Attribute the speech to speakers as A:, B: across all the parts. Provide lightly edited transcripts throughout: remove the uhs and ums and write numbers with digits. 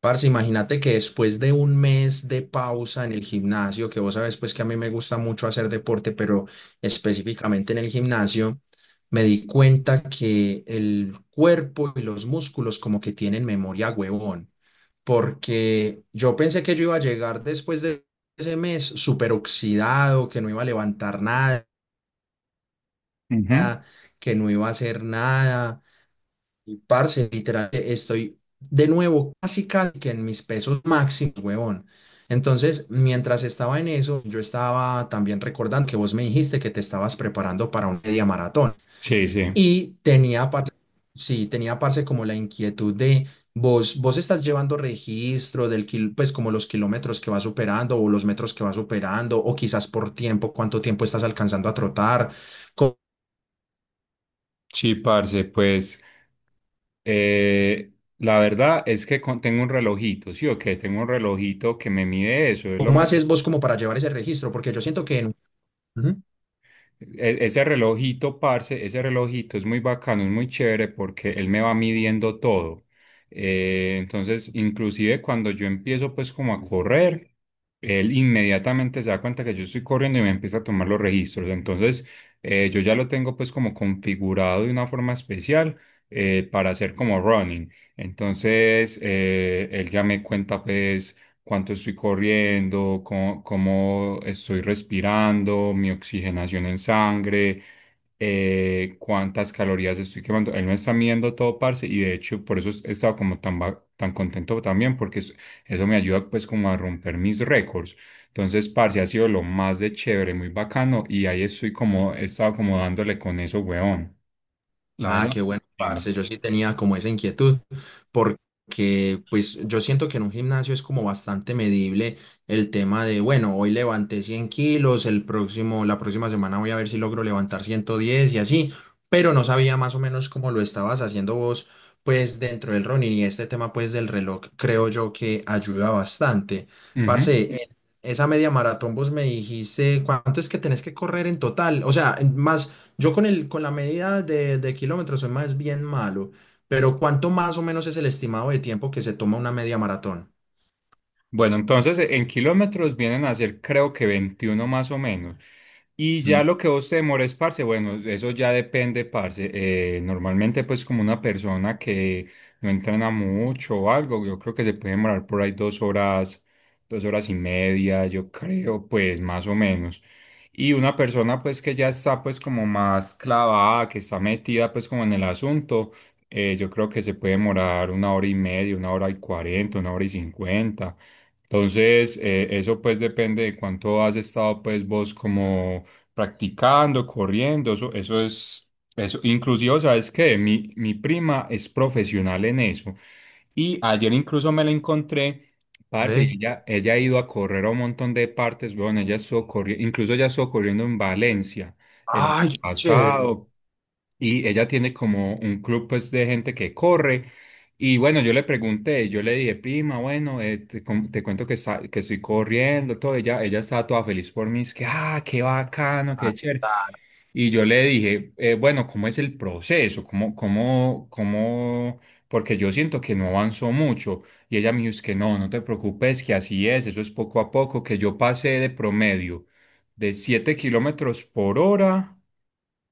A: Parce, imagínate que después de un mes de pausa en el gimnasio, que vos sabes pues que a mí me gusta mucho hacer deporte, pero específicamente en el gimnasio, me di cuenta que el cuerpo y los músculos como que tienen memoria, huevón, porque yo pensé que yo iba a llegar después de ese mes súper oxidado, que no iba a levantar nada,
B: Ujú.
A: que no iba a hacer nada y, parce, literal, estoy de nuevo casi casi que en mis pesos máximos, huevón. Entonces, mientras estaba en eso, yo estaba también recordando que vos me dijiste que te estabas preparando para un media maratón.
B: Sí, sí.
A: Y tenía, parce, sí, tenía, parce, como la inquietud de vos, estás llevando registro del, pues, como los kilómetros que vas superando o los metros que vas superando, o quizás por tiempo, cuánto tiempo estás alcanzando a trotar. ¿Cómo,
B: Sí, parce, pues eh, la verdad es que tengo un relojito, sí, o que tengo un relojito que me mide eso, es lo
A: cómo
B: más.
A: haces vos como para llevar ese registro? Porque yo siento que en... Ujú.
B: Ese relojito, parce, ese relojito es muy bacano, es muy chévere porque él me va midiendo todo. Entonces, inclusive cuando yo empiezo pues como a correr, él inmediatamente se da cuenta que yo estoy corriendo y me empieza a tomar los registros. Entonces, yo ya lo tengo pues como configurado de una forma especial, para hacer como running. Entonces, él ya me cuenta pues cuánto estoy corriendo, cómo estoy respirando, mi oxigenación en sangre, cuántas calorías estoy quemando. Él me está midiendo todo, parce, y de hecho por eso he estado como tan, tan contento también, porque eso me ayuda pues como a romper mis récords. Entonces, parce, ha sido lo más de chévere, muy bacano, y ahí estoy como, he estado como dándole con eso, weón. La
A: Ah,
B: verdad.
A: qué bueno,
B: Chimba.
A: parce. Yo sí tenía como esa inquietud, porque pues yo siento que en un gimnasio es como bastante medible el tema de, bueno, hoy levanté 100 kilos, el próximo, la próxima semana voy a ver si logro levantar 110 y así, pero no sabía más o menos cómo lo estabas haciendo vos, pues dentro del running y este tema pues del reloj, creo yo que ayuda bastante.
B: Ujú.
A: Parce, en esa media maratón vos me dijiste, ¿cuánto es que tenés que correr en total? O sea, más yo con el, con la medida de kilómetros soy más bien malo, pero ¿cuánto más o menos es el estimado de tiempo que se toma una media maratón?
B: Bueno, entonces en kilómetros vienen a ser creo que 21 más o menos. Y
A: Mm.
B: ya lo que vos te demores, parce, bueno, eso ya depende, parce. Normalmente pues como una persona que no entrena mucho o algo, yo creo que se puede demorar por ahí 2 horas, 2 horas y media, yo creo, pues más o menos. Y una persona pues que ya está pues como más clavada, que está metida pues como en el asunto, yo creo que se puede demorar una hora y media, una hora y cuarenta, una hora y cincuenta. Entonces, eso pues depende de cuánto has estado pues vos como practicando, corriendo, eso es, eso, inclusive, ¿sabes qué? Mi prima es profesional en eso, y ayer incluso me la encontré, parce,
A: Ve,
B: y ella ha ido a correr a un montón de partes, bueno, ella estuvo corriendo, incluso ella estuvo corriendo en Valencia el año
A: ay, qué chévere.
B: pasado, y ella tiene como un club pues de gente que corre. Y bueno, yo le pregunté, yo le dije, prima, bueno, te, te cuento que, que estoy corriendo, todo, ella estaba toda feliz por mí, es que, ah, qué bacano,
A: Ah,
B: qué chévere.
A: claro,
B: Y yo le dije, bueno, ¿cómo es el proceso? ¿Cómo, cómo, cómo? Porque yo siento que no avanzó mucho. Y ella me dijo, es que no, no te preocupes, que así es, eso es poco a poco, que yo pasé de promedio de 7 kilómetros por hora,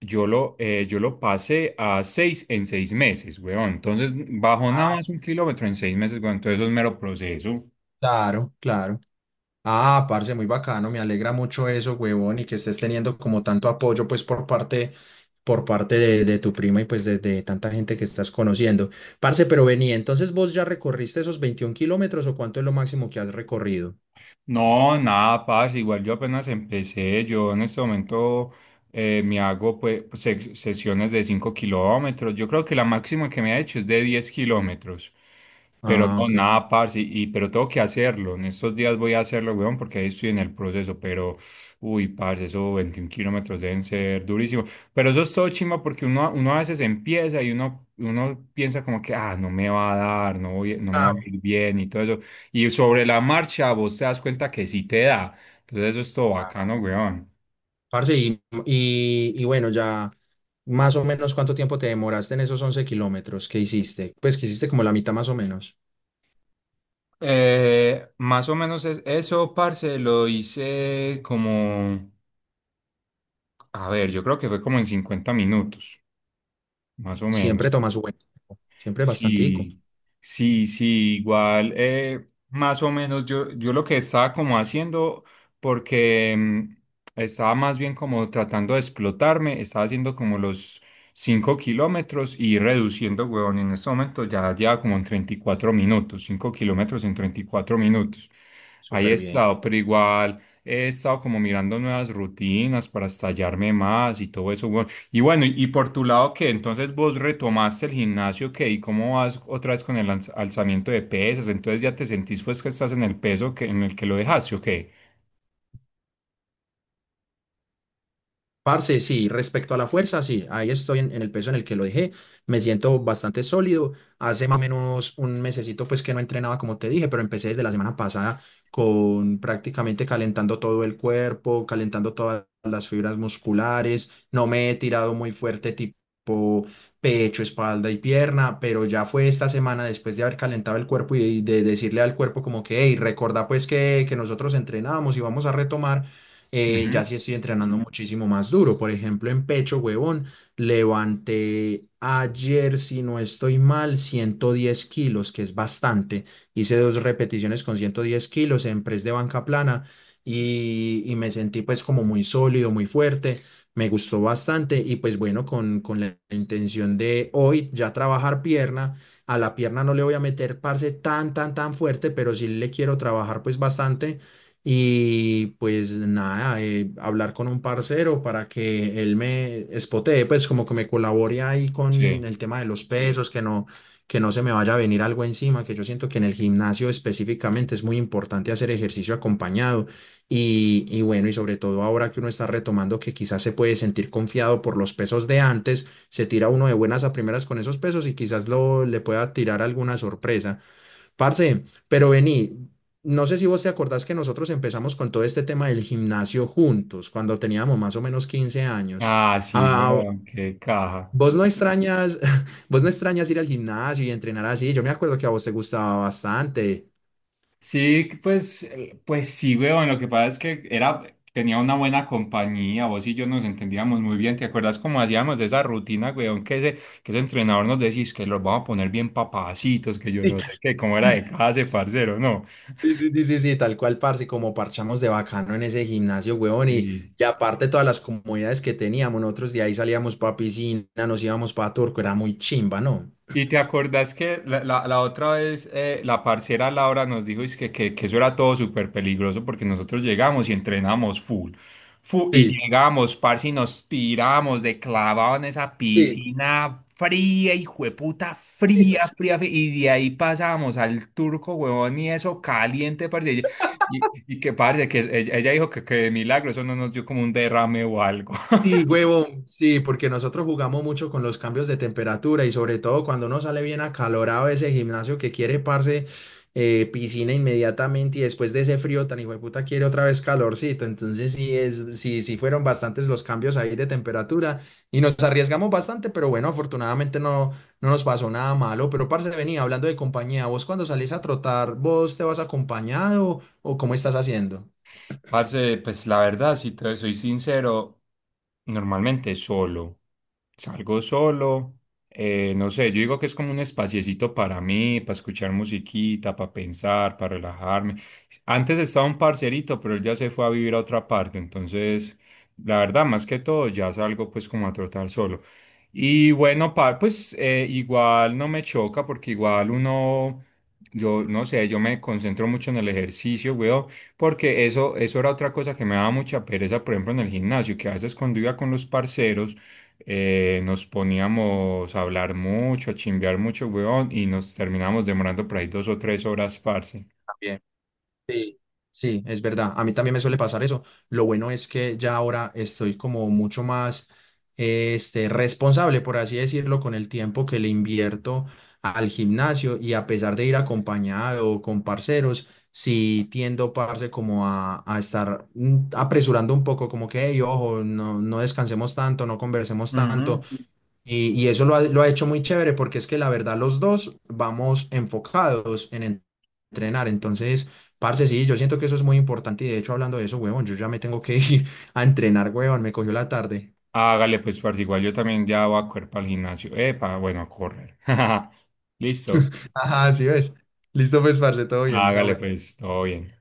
B: yo lo pasé a 6 en 6 meses, weón. Entonces bajó nada
A: ah,
B: más un kilómetro en 6 meses, weón. Entonces eso es mero proceso.
A: claro, claro. Ah, parce, muy bacano, me alegra mucho eso, huevón, y que estés teniendo como tanto apoyo, pues, por parte de tu prima y pues de tanta gente que estás conociendo. Parce, pero vení, entonces ¿vos ya recorriste esos 21 kilómetros o cuánto es lo máximo que has recorrido?
B: No, nada, pasa. Igual yo apenas empecé. Yo en este momento me hago pues sesiones de 5 kilómetros. Yo creo que la máxima que me ha hecho es de 10 kilómetros. Pero
A: Ah,
B: no,
A: ok.
B: nada, parce, y pero tengo que hacerlo. En estos días voy a hacerlo, weón, porque ahí estoy en el proceso. Pero, uy, parce, esos 21 kilómetros deben ser durísimos. Pero eso es todo chimba porque uno a veces empieza y uno piensa como que, ah, no me va a dar, no voy, no me va a
A: Claro.
B: ir bien y todo eso. Y sobre la marcha vos te das cuenta que sí te da. Entonces eso es todo bacano, weón.
A: Parce, y bueno, ya más o menos ¿cuánto tiempo te demoraste en esos 11 kilómetros que hiciste? Pues que hiciste como la mitad más o menos.
B: Más o menos es eso, parce, lo hice como, a ver, yo creo que fue como en 50 minutos, más o
A: Siempre
B: menos.
A: toma su buen tiempo. Siempre bastantico.
B: Sí, sí, sí, igual, más o menos yo lo que estaba como haciendo, porque estaba más bien como tratando de explotarme, estaba haciendo como los 5 kilómetros y reduciendo, huevón, en este momento ya lleva como en 34 minutos, 5 kilómetros en 34 minutos. Ahí he
A: Súper bien.
B: estado, pero igual he estado como mirando nuevas rutinas para estallarme más y todo eso, huevón. Y bueno, y por tu lado, ¿qué? Entonces vos retomaste el gimnasio, ¿qué? ¿Y cómo vas otra vez con el alzamiento de pesas? Entonces ya te sentís pues que estás en el peso que, en el que lo dejaste, ¿o qué?
A: Parce, sí, respecto a la fuerza, sí, ahí estoy en el peso en el que lo dejé, me siento bastante sólido, hace más o menos un mesecito pues que no entrenaba como te dije, pero empecé desde la semana pasada con prácticamente calentando todo el cuerpo, calentando todas las fibras musculares, no me he tirado muy fuerte tipo pecho, espalda y pierna, pero ya fue esta semana después de haber calentado el cuerpo y de decirle al cuerpo como que, hey, recuerda pues que nosotros entrenábamos y vamos a retomar. Ya
B: Ujú.
A: sí estoy entrenando muchísimo más duro. Por ejemplo, en pecho, huevón, levanté ayer, si no estoy mal, 110 kilos, que es bastante. Hice dos repeticiones con 110 kilos en press de banca plana y me sentí pues como muy sólido, muy fuerte. Me gustó bastante y pues bueno, con la intención de hoy ya trabajar pierna. A la pierna no le voy a meter, parce, tan, tan, tan fuerte, pero sí le quiero trabajar pues bastante y pues nada, hablar con un parcero para que él me espotee, pues como que me colabore ahí con
B: Sí.
A: el tema de los pesos, que no se me vaya a venir algo encima, que yo siento que en el gimnasio específicamente es muy importante hacer ejercicio acompañado. Y bueno, y sobre todo ahora que uno está retomando que quizás se puede sentir confiado por los pesos de antes, se tira uno de buenas a primeras con esos pesos y quizás lo, le pueda tirar alguna sorpresa. Parce, pero vení, no sé si vos te acordás que nosotros empezamos con todo este tema del gimnasio juntos, cuando teníamos más o menos 15 años.
B: Ah, sí,
A: Ah,
B: weón, qué caja.
A: vos no extrañas, vos no extrañas ir al gimnasio y entrenar así. Yo me acuerdo que a vos te gustaba bastante.
B: Sí, que pues, pues sí, weón, lo que pasa es que era, tenía una buena compañía, vos y yo nos entendíamos muy bien, ¿te acuerdas cómo hacíamos esa rutina, weón? Que ese entrenador nos decís que los vamos a poner bien papacitos, que yo no
A: Literal.
B: sé qué, cómo era de casa, ese parcero, ¿no?
A: Sí, sí, sí, sí, sí, tal cual, parce, como parchamos de bacano en ese gimnasio, huevón,
B: Sí.
A: y aparte todas las comodidades que teníamos, nosotros de ahí salíamos para piscina, nos íbamos para Turco, era muy chimba, ¿no?
B: ¿Y te acordás que la otra vez la parcera Laura nos dijo es que eso era todo súper peligroso porque nosotros llegamos y entrenamos full, fu y
A: Sí,
B: llegamos, parce, y nos tiramos de clavado en esa
A: sí.
B: piscina fría, y puta,
A: Sí, sí.
B: fría, fría, fría, y de ahí pasamos al turco, huevón, y eso caliente, parce, y que parce, que ella dijo que de milagro eso no nos dio como un derrame o algo.
A: Sí, huevón, sí, porque nosotros jugamos mucho con los cambios de temperatura y sobre todo cuando uno sale bien acalorado de ese gimnasio que quiere, parce, piscina inmediatamente y después de ese frío tan puta quiere otra vez calorcito. Entonces sí es, sí, sí fueron bastantes los cambios ahí de temperatura y nos arriesgamos bastante, pero bueno, afortunadamente no, no nos pasó nada malo. Pero parce, venía hablando de compañía, vos cuando salís a trotar, ¿vos te vas acompañado o cómo estás haciendo?
B: Parce, pues la verdad, si te soy sincero, normalmente solo. Salgo solo, no sé, yo digo que es como un espaciecito para mí, para escuchar musiquita, para pensar, para relajarme. Antes estaba un parcerito, pero él ya se fue a vivir a otra parte, entonces, la verdad, más que todo, ya salgo pues como a trotar solo. Y bueno, pues igual no me choca porque igual uno, yo no sé, yo me concentro mucho en el ejercicio, weón. Porque eso era otra cosa que me daba mucha pereza, por ejemplo, en el gimnasio, que a veces cuando iba con los parceros nos poníamos a hablar mucho, a chimbear mucho, weón, y nos terminábamos demorando por ahí 2 o 3 horas, parce.
A: Bien. Sí, sí, es verdad. A mí también me suele pasar eso. Lo bueno es que ya ahora estoy como mucho más este, responsable, por así decirlo, con el tiempo que le invierto al gimnasio y a pesar de ir acompañado o con parceros, sí tiendo, parce, como a estar apresurando un poco, como que, "Ey, ojo, no, no descansemos tanto, no conversemos tanto".
B: Ujú.
A: Y eso lo ha hecho muy chévere porque es que la verdad los dos vamos enfocados en entrenar. Entonces, parce, sí, yo siento que eso es muy importante y de hecho hablando de eso, huevón, yo ya me tengo que ir a entrenar, huevón, me cogió la tarde.
B: Hágale, pues, parce, igual yo también ya voy a correr para el gimnasio. Epa, bueno, a correr. Listo.
A: Ajá, sí ves. Listo, pues, parce, todo bien.
B: Hágale,
A: La
B: pues, todo bien.